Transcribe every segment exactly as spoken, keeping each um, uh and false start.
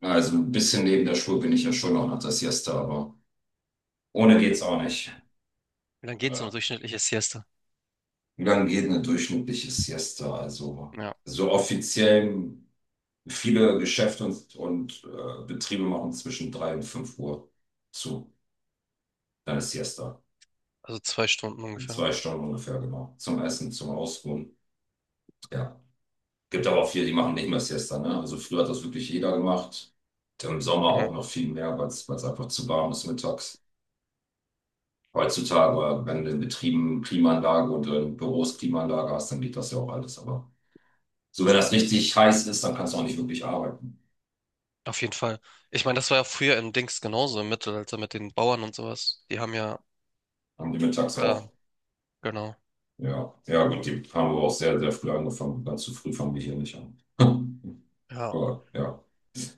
Also ein bisschen neben der Spur bin ich ja schon auch nach der Siesta, aber ohne geht's auch nicht. Wie lange geht so Äh, eine durchschnittliche Siesta? Wie lange geht eine durchschnittliche Siesta? Also Ja, so offiziell viele Geschäfte und, und äh, Betriebe machen zwischen drei und fünf Uhr zu. Dann ist Siesta. also zwei Stunden In ungefähr. zwei Stunden ungefähr, genau. Zum Essen, zum Ausruhen. Ja. Gibt aber auch viele, die machen nicht mehr Siesta, ne? Also früher hat das wirklich jeder gemacht. Im Sommer auch Mhm. noch viel mehr, weil es einfach zu warm ist mittags. Heutzutage, wenn du in Betrieben Klimaanlage und in Büros Klimaanlage hast, dann geht das ja auch alles. Aber so, wenn das richtig heiß ist, dann kannst du auch nicht wirklich arbeiten. Auf jeden Fall. Ich meine, das war ja früher im Dings genauso, im Mittelalter, also mit den Bauern und sowas. Die haben ja, Haben die mittags auch. ähm, genau. Ja, ja, gut, die haben aber auch sehr, sehr früh angefangen. Ganz zu früh fangen wir hier nicht an. Ja. Aber ja,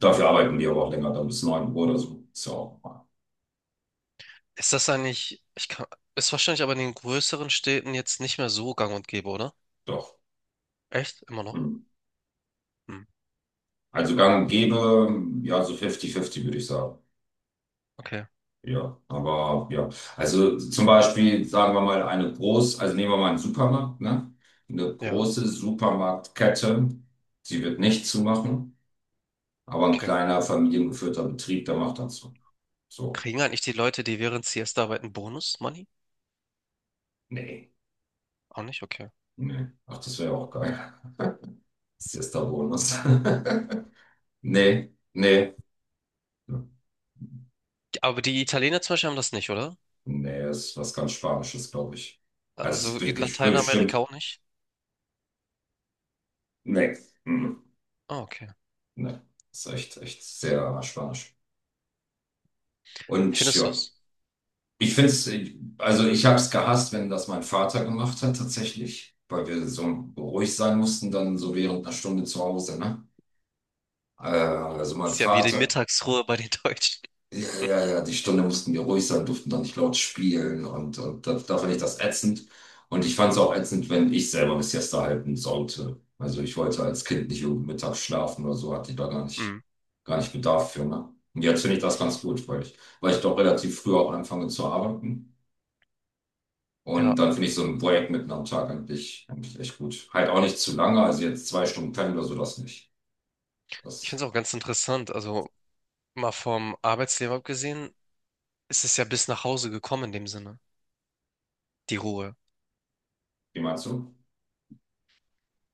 dafür arbeiten die aber auch länger, dann bis neun Uhr oder so. Ist ja auch normal. Ist das eigentlich, ich kann, ist wahrscheinlich aber in den größeren Städten jetzt nicht mehr so gang und gäbe, oder? Doch. Echt? Immer noch? Hm. Hm. Also gang und gäbe, ja, so fünfzig fünfzig würde ich sagen. Okay. Ja, aber ja, also zum Beispiel sagen wir mal eine groß, also nehmen wir mal einen Supermarkt, ne? Eine Ja, große Supermarktkette, sie wird nicht zumachen, aber ein okay. kleiner familiengeführter Betrieb, der macht das so. So, Kriegen eigentlich die Leute, die während Siesta arbeiten, Bonus-Money? nee, Auch nicht? Okay. nee. Ach, das wäre ja auch geil. Das ist jetzt der Bonus. Nee, nee, Aber die Italiener zum Beispiel haben das nicht, oder? nee, ist was ganz Spanisches, glaube ich. Also es Also be- in be- Lateinamerika bestimmt, auch nicht? nee, mm, Ah, okay. nee, ist echt, echt sehr spanisch. Und Findest du ja. es? Ich finde es, also ich habe es gehasst, wenn das mein Vater gemacht hat, tatsächlich, weil wir so ruhig sein mussten, dann so während einer Stunde zu Hause, ne? Äh, also mein Ist ja wie die Vater, Mittagsruhe bei den Deutschen. ja, ja, ja, die Stunde mussten wir ruhig sein, durften dann nicht laut spielen und, und da, da fand ich das ätzend. Und ich fand es auch ätzend, wenn ich selber eine Siesta halten sollte. Also ich wollte als Kind nicht irgendwie mittags schlafen oder so, hatte ich da gar nicht, Hm. gar nicht Bedarf für, ne? Und jetzt finde ich das ganz gut, weil ich, weil ich doch relativ früh auch anfange zu arbeiten. Und Ja, dann finde ich so ein Projekt mitten am Tag eigentlich, eigentlich echt gut. Halt auch nicht zu lange, also jetzt zwei Stunden pennen oder so, das nicht. ich Das, finde es auch ganz interessant. Also mal vom Arbeitsleben abgesehen, ist es ja bis nach Hause gekommen in dem Sinne, die Ruhe. wie meinst du?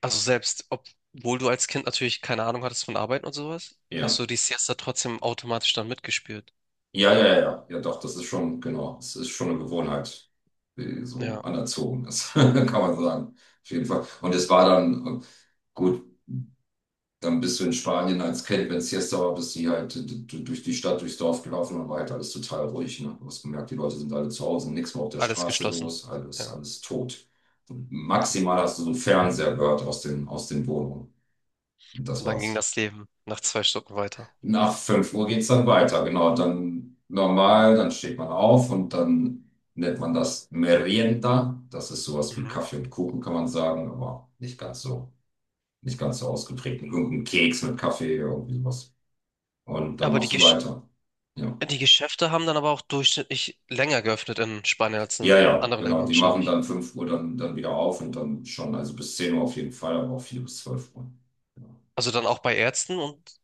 Also selbst, obwohl du als Kind natürlich keine Ahnung hattest von Arbeiten und sowas, hast Ja. du die Siesta trotzdem automatisch dann mitgespielt. Ja, ja, ja, ja, ja, doch, das ist schon, genau, es ist schon eine Gewohnheit, die so Ja, anerzogen ist, kann man sagen. Auf jeden Fall. Und es war dann, äh, gut, dann bist du in Spanien als Kind, wenn es Siesta war, bist du halt d- d- durch die Stadt, durchs Dorf gelaufen und war halt alles total ruhig. Ne? Du hast gemerkt, die Leute sind alle zu Hause, nichts mehr auf der alles Straße geschlossen. los, alles, Ja, alles tot. Und maximal hast du so einen Fernseher gehört aus den, aus den Wohnungen. Und das und dann ging war's. das Leben nach zwei Stunden weiter. Nach fünf Uhr geht's dann weiter, genau. Dann normal, dann steht man auf und dann nennt man das Merienda. Das ist sowas wie Mhm. Kaffee und Kuchen, kann man sagen, aber nicht ganz so, nicht ganz so ausgeprägt. Irgendein Keks mit Kaffee, irgendwie sowas. Und dann Aber die machst du Gesch weiter. Ja. die Geschäfte haben dann aber auch durchschnittlich länger geöffnet in Spanien als Ja, in ja, anderen genau. Ländern Die machen wahrscheinlich. dann fünf Uhr dann, dann wieder auf und dann schon, also bis zehn Uhr auf jeden Fall, aber auch vier bis zwölf Uhr. Also dann auch bei Ärzten und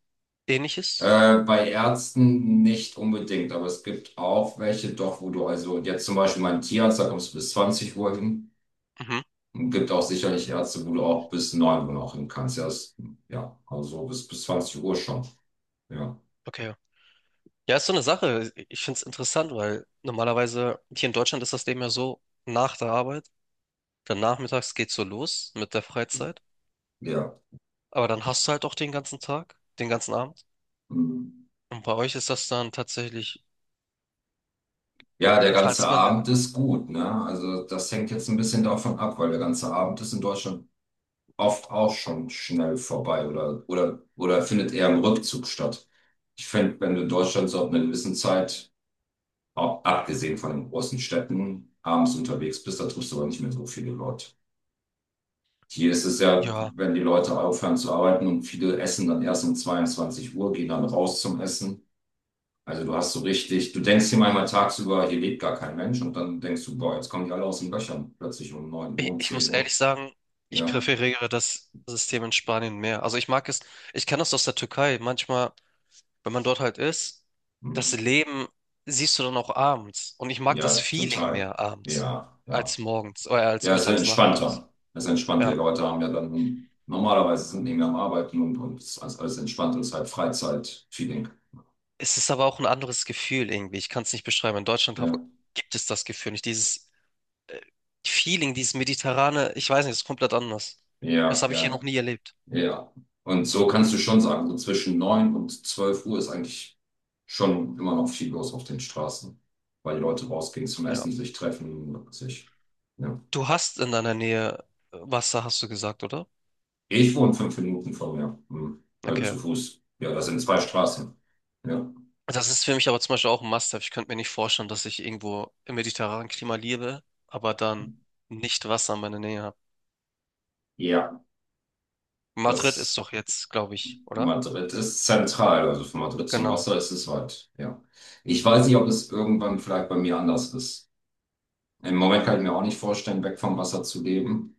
Ähnliches? Ja. Äh, bei Ärzten nicht unbedingt, aber es gibt auch welche doch, wo du also jetzt zum Beispiel meinen Tierarzt, da kommst du bis zwanzig Uhr hin. Mhm. Und gibt auch sicherlich Ärzte, wo du auch bis neun Uhr noch hin kannst. Ja, das, ja, also bis, bis zwanzig Uhr schon. Ja, Okay. Ja, ist so eine Sache. Ich finde es interessant, weil normalerweise hier in Deutschland ist das Leben ja so, nach der Arbeit, dann nachmittags geht's so los mit der Freizeit, ja. aber dann hast du halt auch den ganzen Tag, den ganzen Abend. Mhm. Und bei euch ist das dann tatsächlich, Ja, der ganze falls man, Abend ist gut, ne? Also das hängt jetzt ein bisschen davon ab, weil der ganze Abend ist in Deutschland oft auch schon schnell vorbei oder, oder, oder findet eher im Rückzug statt. Ich finde, wenn du in Deutschland so ab einer gewissen Zeit, auch abgesehen von den großen Städten, abends unterwegs bist, da triffst du aber nicht mehr so viele Leute. Hier ist es ja, ja, wenn die Leute aufhören zu arbeiten und viele essen dann erst um zweiundzwanzig Uhr, gehen dann raus zum Essen. Also du hast so richtig, du denkst hier manchmal tagsüber, hier lebt gar kein Mensch und dann denkst du, boah, jetzt kommen die alle aus den Löchern, plötzlich um neun, Uhr, ich, um ich muss zehn ehrlich Uhr. sagen, ich Ja, präferiere das System in Spanien mehr. Also ich mag es, ich kenne das aus der Türkei. Manchmal, wenn man dort halt ist, das hm. Leben siehst du dann auch abends. Und ich mag das Ja, Feeling total. mehr abends Ja, als ja. morgens, oder als Ja, es ist mittags, nachmittags. entspannter. Es ist entspannter. Die Ja. Leute haben ja dann, normalerweise sind die am Arbeiten und, und es ist alles alles entspannt und es ist halt feeling. Es ist aber auch ein anderes Gefühl irgendwie. Ich kann es nicht beschreiben. In Deutschland hab, Ja, gibt es das Gefühl nicht. Dieses äh, Feeling, dieses mediterrane, ich weiß nicht, es ist komplett anders. Das ja, habe ich hier noch ja. nie erlebt. Ja. Und so kannst du schon sagen, so zwischen neun und zwölf Uhr ist eigentlich schon immer noch viel los auf den Straßen, weil die Leute rausgehen zum Ja. Essen, sich treffen, sich. Ja. Du hast in deiner Nähe Wasser, hast du gesagt, oder? Ich wohne fünf Minuten von mir, hm. Also Okay. zu Fuß. Ja, das sind zwei Straßen. Ja. Das ist für mich aber zum Beispiel auch ein Must-have. Ich könnte mir nicht vorstellen, dass ich irgendwo im mediterranen Klima lebe, aber dann nicht Wasser in meiner Nähe habe. Ja, Madrid ist das doch jetzt, glaube ich, oder? Madrid ist zentral, also von Madrid zum Genau. Wasser ist es weit. Ja. Ich weiß nicht, ob es irgendwann vielleicht bei mir anders ist. Im Moment kann ich mir auch nicht vorstellen, weg vom Wasser zu leben.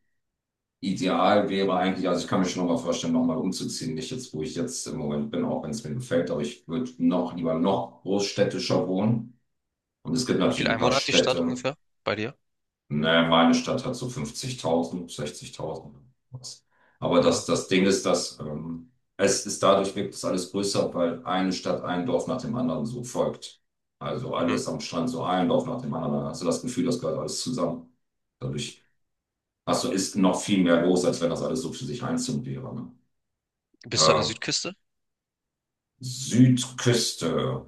Ideal wäre eigentlich, also ich kann mir schon nochmal vorstellen, nochmal umzuziehen, nicht jetzt, wo ich jetzt im Moment bin, auch wenn es mir gefällt, aber ich würde noch lieber noch großstädtischer wohnen. Und es gibt Wie natürlich viele ein paar Einwohner hat die Stadt Städte. ungefähr bei dir? Ne, meine Stadt hat so fünfzigtausend, sechzigtausend. Was. Aber das, Ja. das Ding ist, dass ähm, es ist dadurch wirkt es alles größer, weil eine Stadt ein Dorf nach dem anderen so folgt. Also Mhm. alles am Strand, so ein Dorf nach dem anderen. Dann hast du das Gefühl, das gehört alles zusammen. Dadurch also ist noch viel mehr los, als wenn das alles so für sich einzeln wäre. Ne? Bist du an der Äh, Südküste? Südküste.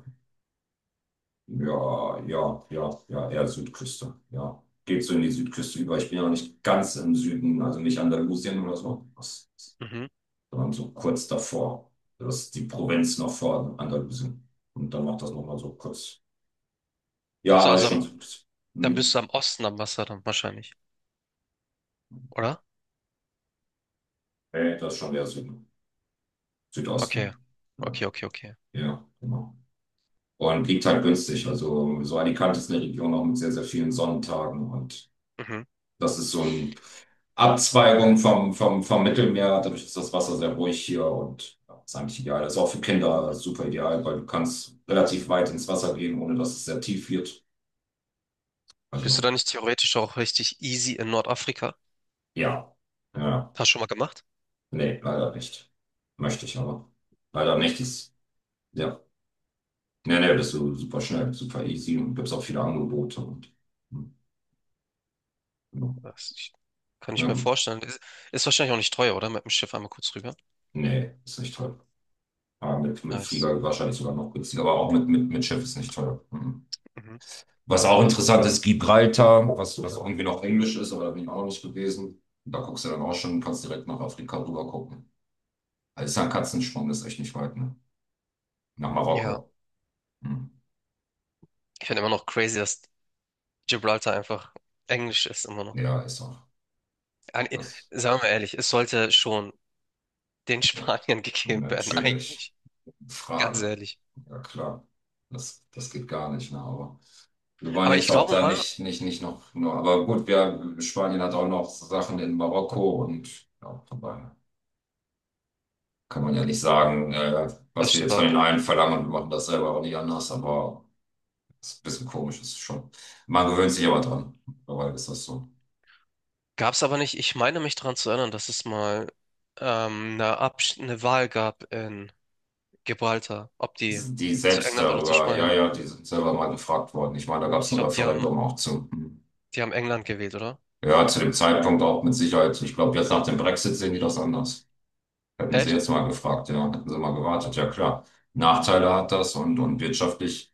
Ja, ja, ja, ja, eher Südküste. Ja. Geht so in die Südküste über. Ich bin ja nicht ganz im Süden, also nicht Andalusien oder so, das Mhm. sondern so kurz davor. Das ist die Provinz noch vor Andalusien. Und dann macht das nochmal so kurz. Ach Ja, so, aber ist also schon am, Südküste. dann bist du Hm. am Osten am Wasser dann wahrscheinlich, oder? Nee, das ist schon eher Süden. Okay. Südosten. Ja, Okay, okay, okay. ja, genau. Und liegt halt günstig. Also so Alicante ist eine Region auch mit sehr, sehr vielen Sonnentagen. Und Mhm. das ist so eine Abzweigung vom, vom, vom Mittelmeer. Dadurch ist das Wasser sehr ruhig hier und ja, ist eigentlich ideal. Ist auch für Kinder super ideal, weil du kannst relativ weit ins Wasser gehen, ohne dass es sehr tief wird. Bist du Also dann nicht theoretisch auch richtig easy in Nordafrika? ja, ja, Hast du schon mal gemacht? nee, leider nicht. Möchte ich aber. Leider nicht. Ist, ja, nee, nee, bist du super schnell, super easy und gibt es auch viele Angebote. Und, hm, genau. Das, ich, kann Ja, ich mir Ähm, vorstellen. Ist, ist wahrscheinlich auch nicht teuer, oder? Mit dem Schiff einmal kurz rüber. nee, ist nicht toll. Ja, mit, mit Nice. Flieger wahrscheinlich sogar noch günstiger, aber auch mit, mit, mit Schiff ist nicht teuer. Mhm. Mhm. Was auch interessant ist, Gibraltar, was, was irgendwie noch Englisch ist, aber da bin ich auch noch nicht gewesen. Da guckst du dann auch schon, kannst direkt nach Afrika rüber gucken. Also ist ja ein Katzensprung, ist echt nicht weit, ne? Nach Ja, Marokko. Mhm. ich finde immer noch crazy, dass Gibraltar einfach Englisch ist, immer noch. Ja, ist auch. Ein- Das, Sagen wir ehrlich, es sollte schon den ja, Spaniern gegeben werden, natürlich. eigentlich. Ganz Frage. ehrlich. Ja, klar. Das, das geht gar nicht, ne? Aber wir wollen Aber ich jetzt auch glaube da mal, nicht, nicht, nicht noch, nur, aber gut, wir, Spanien hat auch noch Sachen in Marokko und ja, vorbei. Kann man ja nicht sagen, äh, das was wir stimmt jetzt von auch. den einen verlangen und wir machen das selber auch nicht anders, aber es ist ein bisschen komisch, ist es schon. Man gewöhnt sich aber dran. Mittlerweile ist das so. Gab es aber nicht, ich meine mich daran zu erinnern, dass es mal ähm, eine, Abs eine Wahl gab in Gibraltar, ob die Die die zu selbst England oder zu darüber, ja, Spanien. ja, die sind selber mal gefragt worden. Ich meine, da gab es Ich ein glaube, die haben, Referendum auch zu. die haben England gewählt, oder? Ja, zu dem Zeitpunkt auch mit Sicherheit. Ich glaube, jetzt nach dem Brexit sehen die das anders. Hätten sie Echt? jetzt mal gefragt, ja, hätten sie mal gewartet, ja klar. Nachteile hat das und, und wirtschaftlich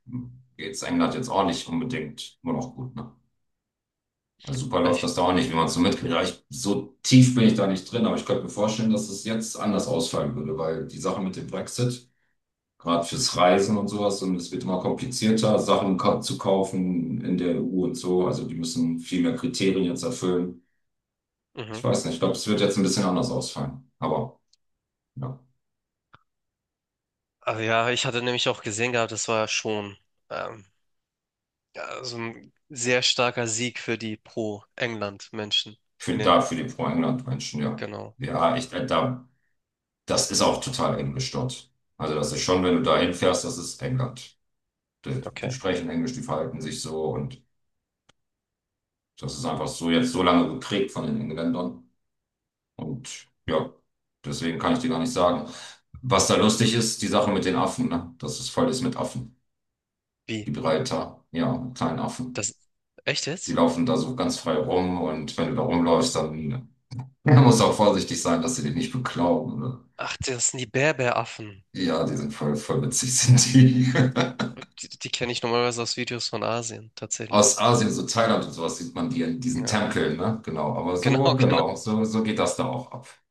geht's England jetzt auch nicht unbedingt immer noch gut, ne? Also super läuft das Echt? da auch nicht, wie man es so mitkriegt. Ja, ich, so tief bin ich da nicht drin, aber ich könnte mir vorstellen, dass es jetzt anders ausfallen würde, weil die Sache mit dem Brexit, gerade fürs Reisen und sowas, und es wird immer komplizierter, Sachen ka zu kaufen in der E U und so. Also die müssen viel mehr Kriterien jetzt erfüllen. Ich Mhm. weiß nicht, ich glaube, es wird jetzt ein bisschen anders ausfallen. Aber ja, Also ja, ich hatte nämlich auch gesehen gehabt, das war ja schon. ähm, Ja, so ein sehr starker Sieg für die Pro-England-Menschen für, in dem, da für die Pro-England-Menschen, ja. genau. Ja, ich, äh, da, das ist auch total englisch dort. Also das ist schon, wenn du da hinfährst, das ist England. Die, die Okay. sprechen Englisch, die verhalten sich so und das ist einfach so jetzt so lange geprägt von den Engländern. Und ja, deswegen kann ich dir gar nicht sagen. Was da lustig ist, die Sache mit den Affen, ne? Dass es voll ist mit Affen. Wie? Die Breiter, ja, mit kleinen Affen. Das, echt Die jetzt? laufen da so ganz frei rum und wenn du da rumläufst, dann, dann musst du auch vorsichtig sein, dass sie dich nicht beklauen, oder? Ach, das sind die Berberaffen. Ja, die sind voll, voll witzig, sind die. Die, die kenne ich normalerweise aus Videos von Asien, tatsächlich. Aus Asien, so Thailand und sowas, sieht man die in diesen Ja, Tempeln, ne? Genau. Aber so, genau, genau, genau. so, so geht das da auch ab.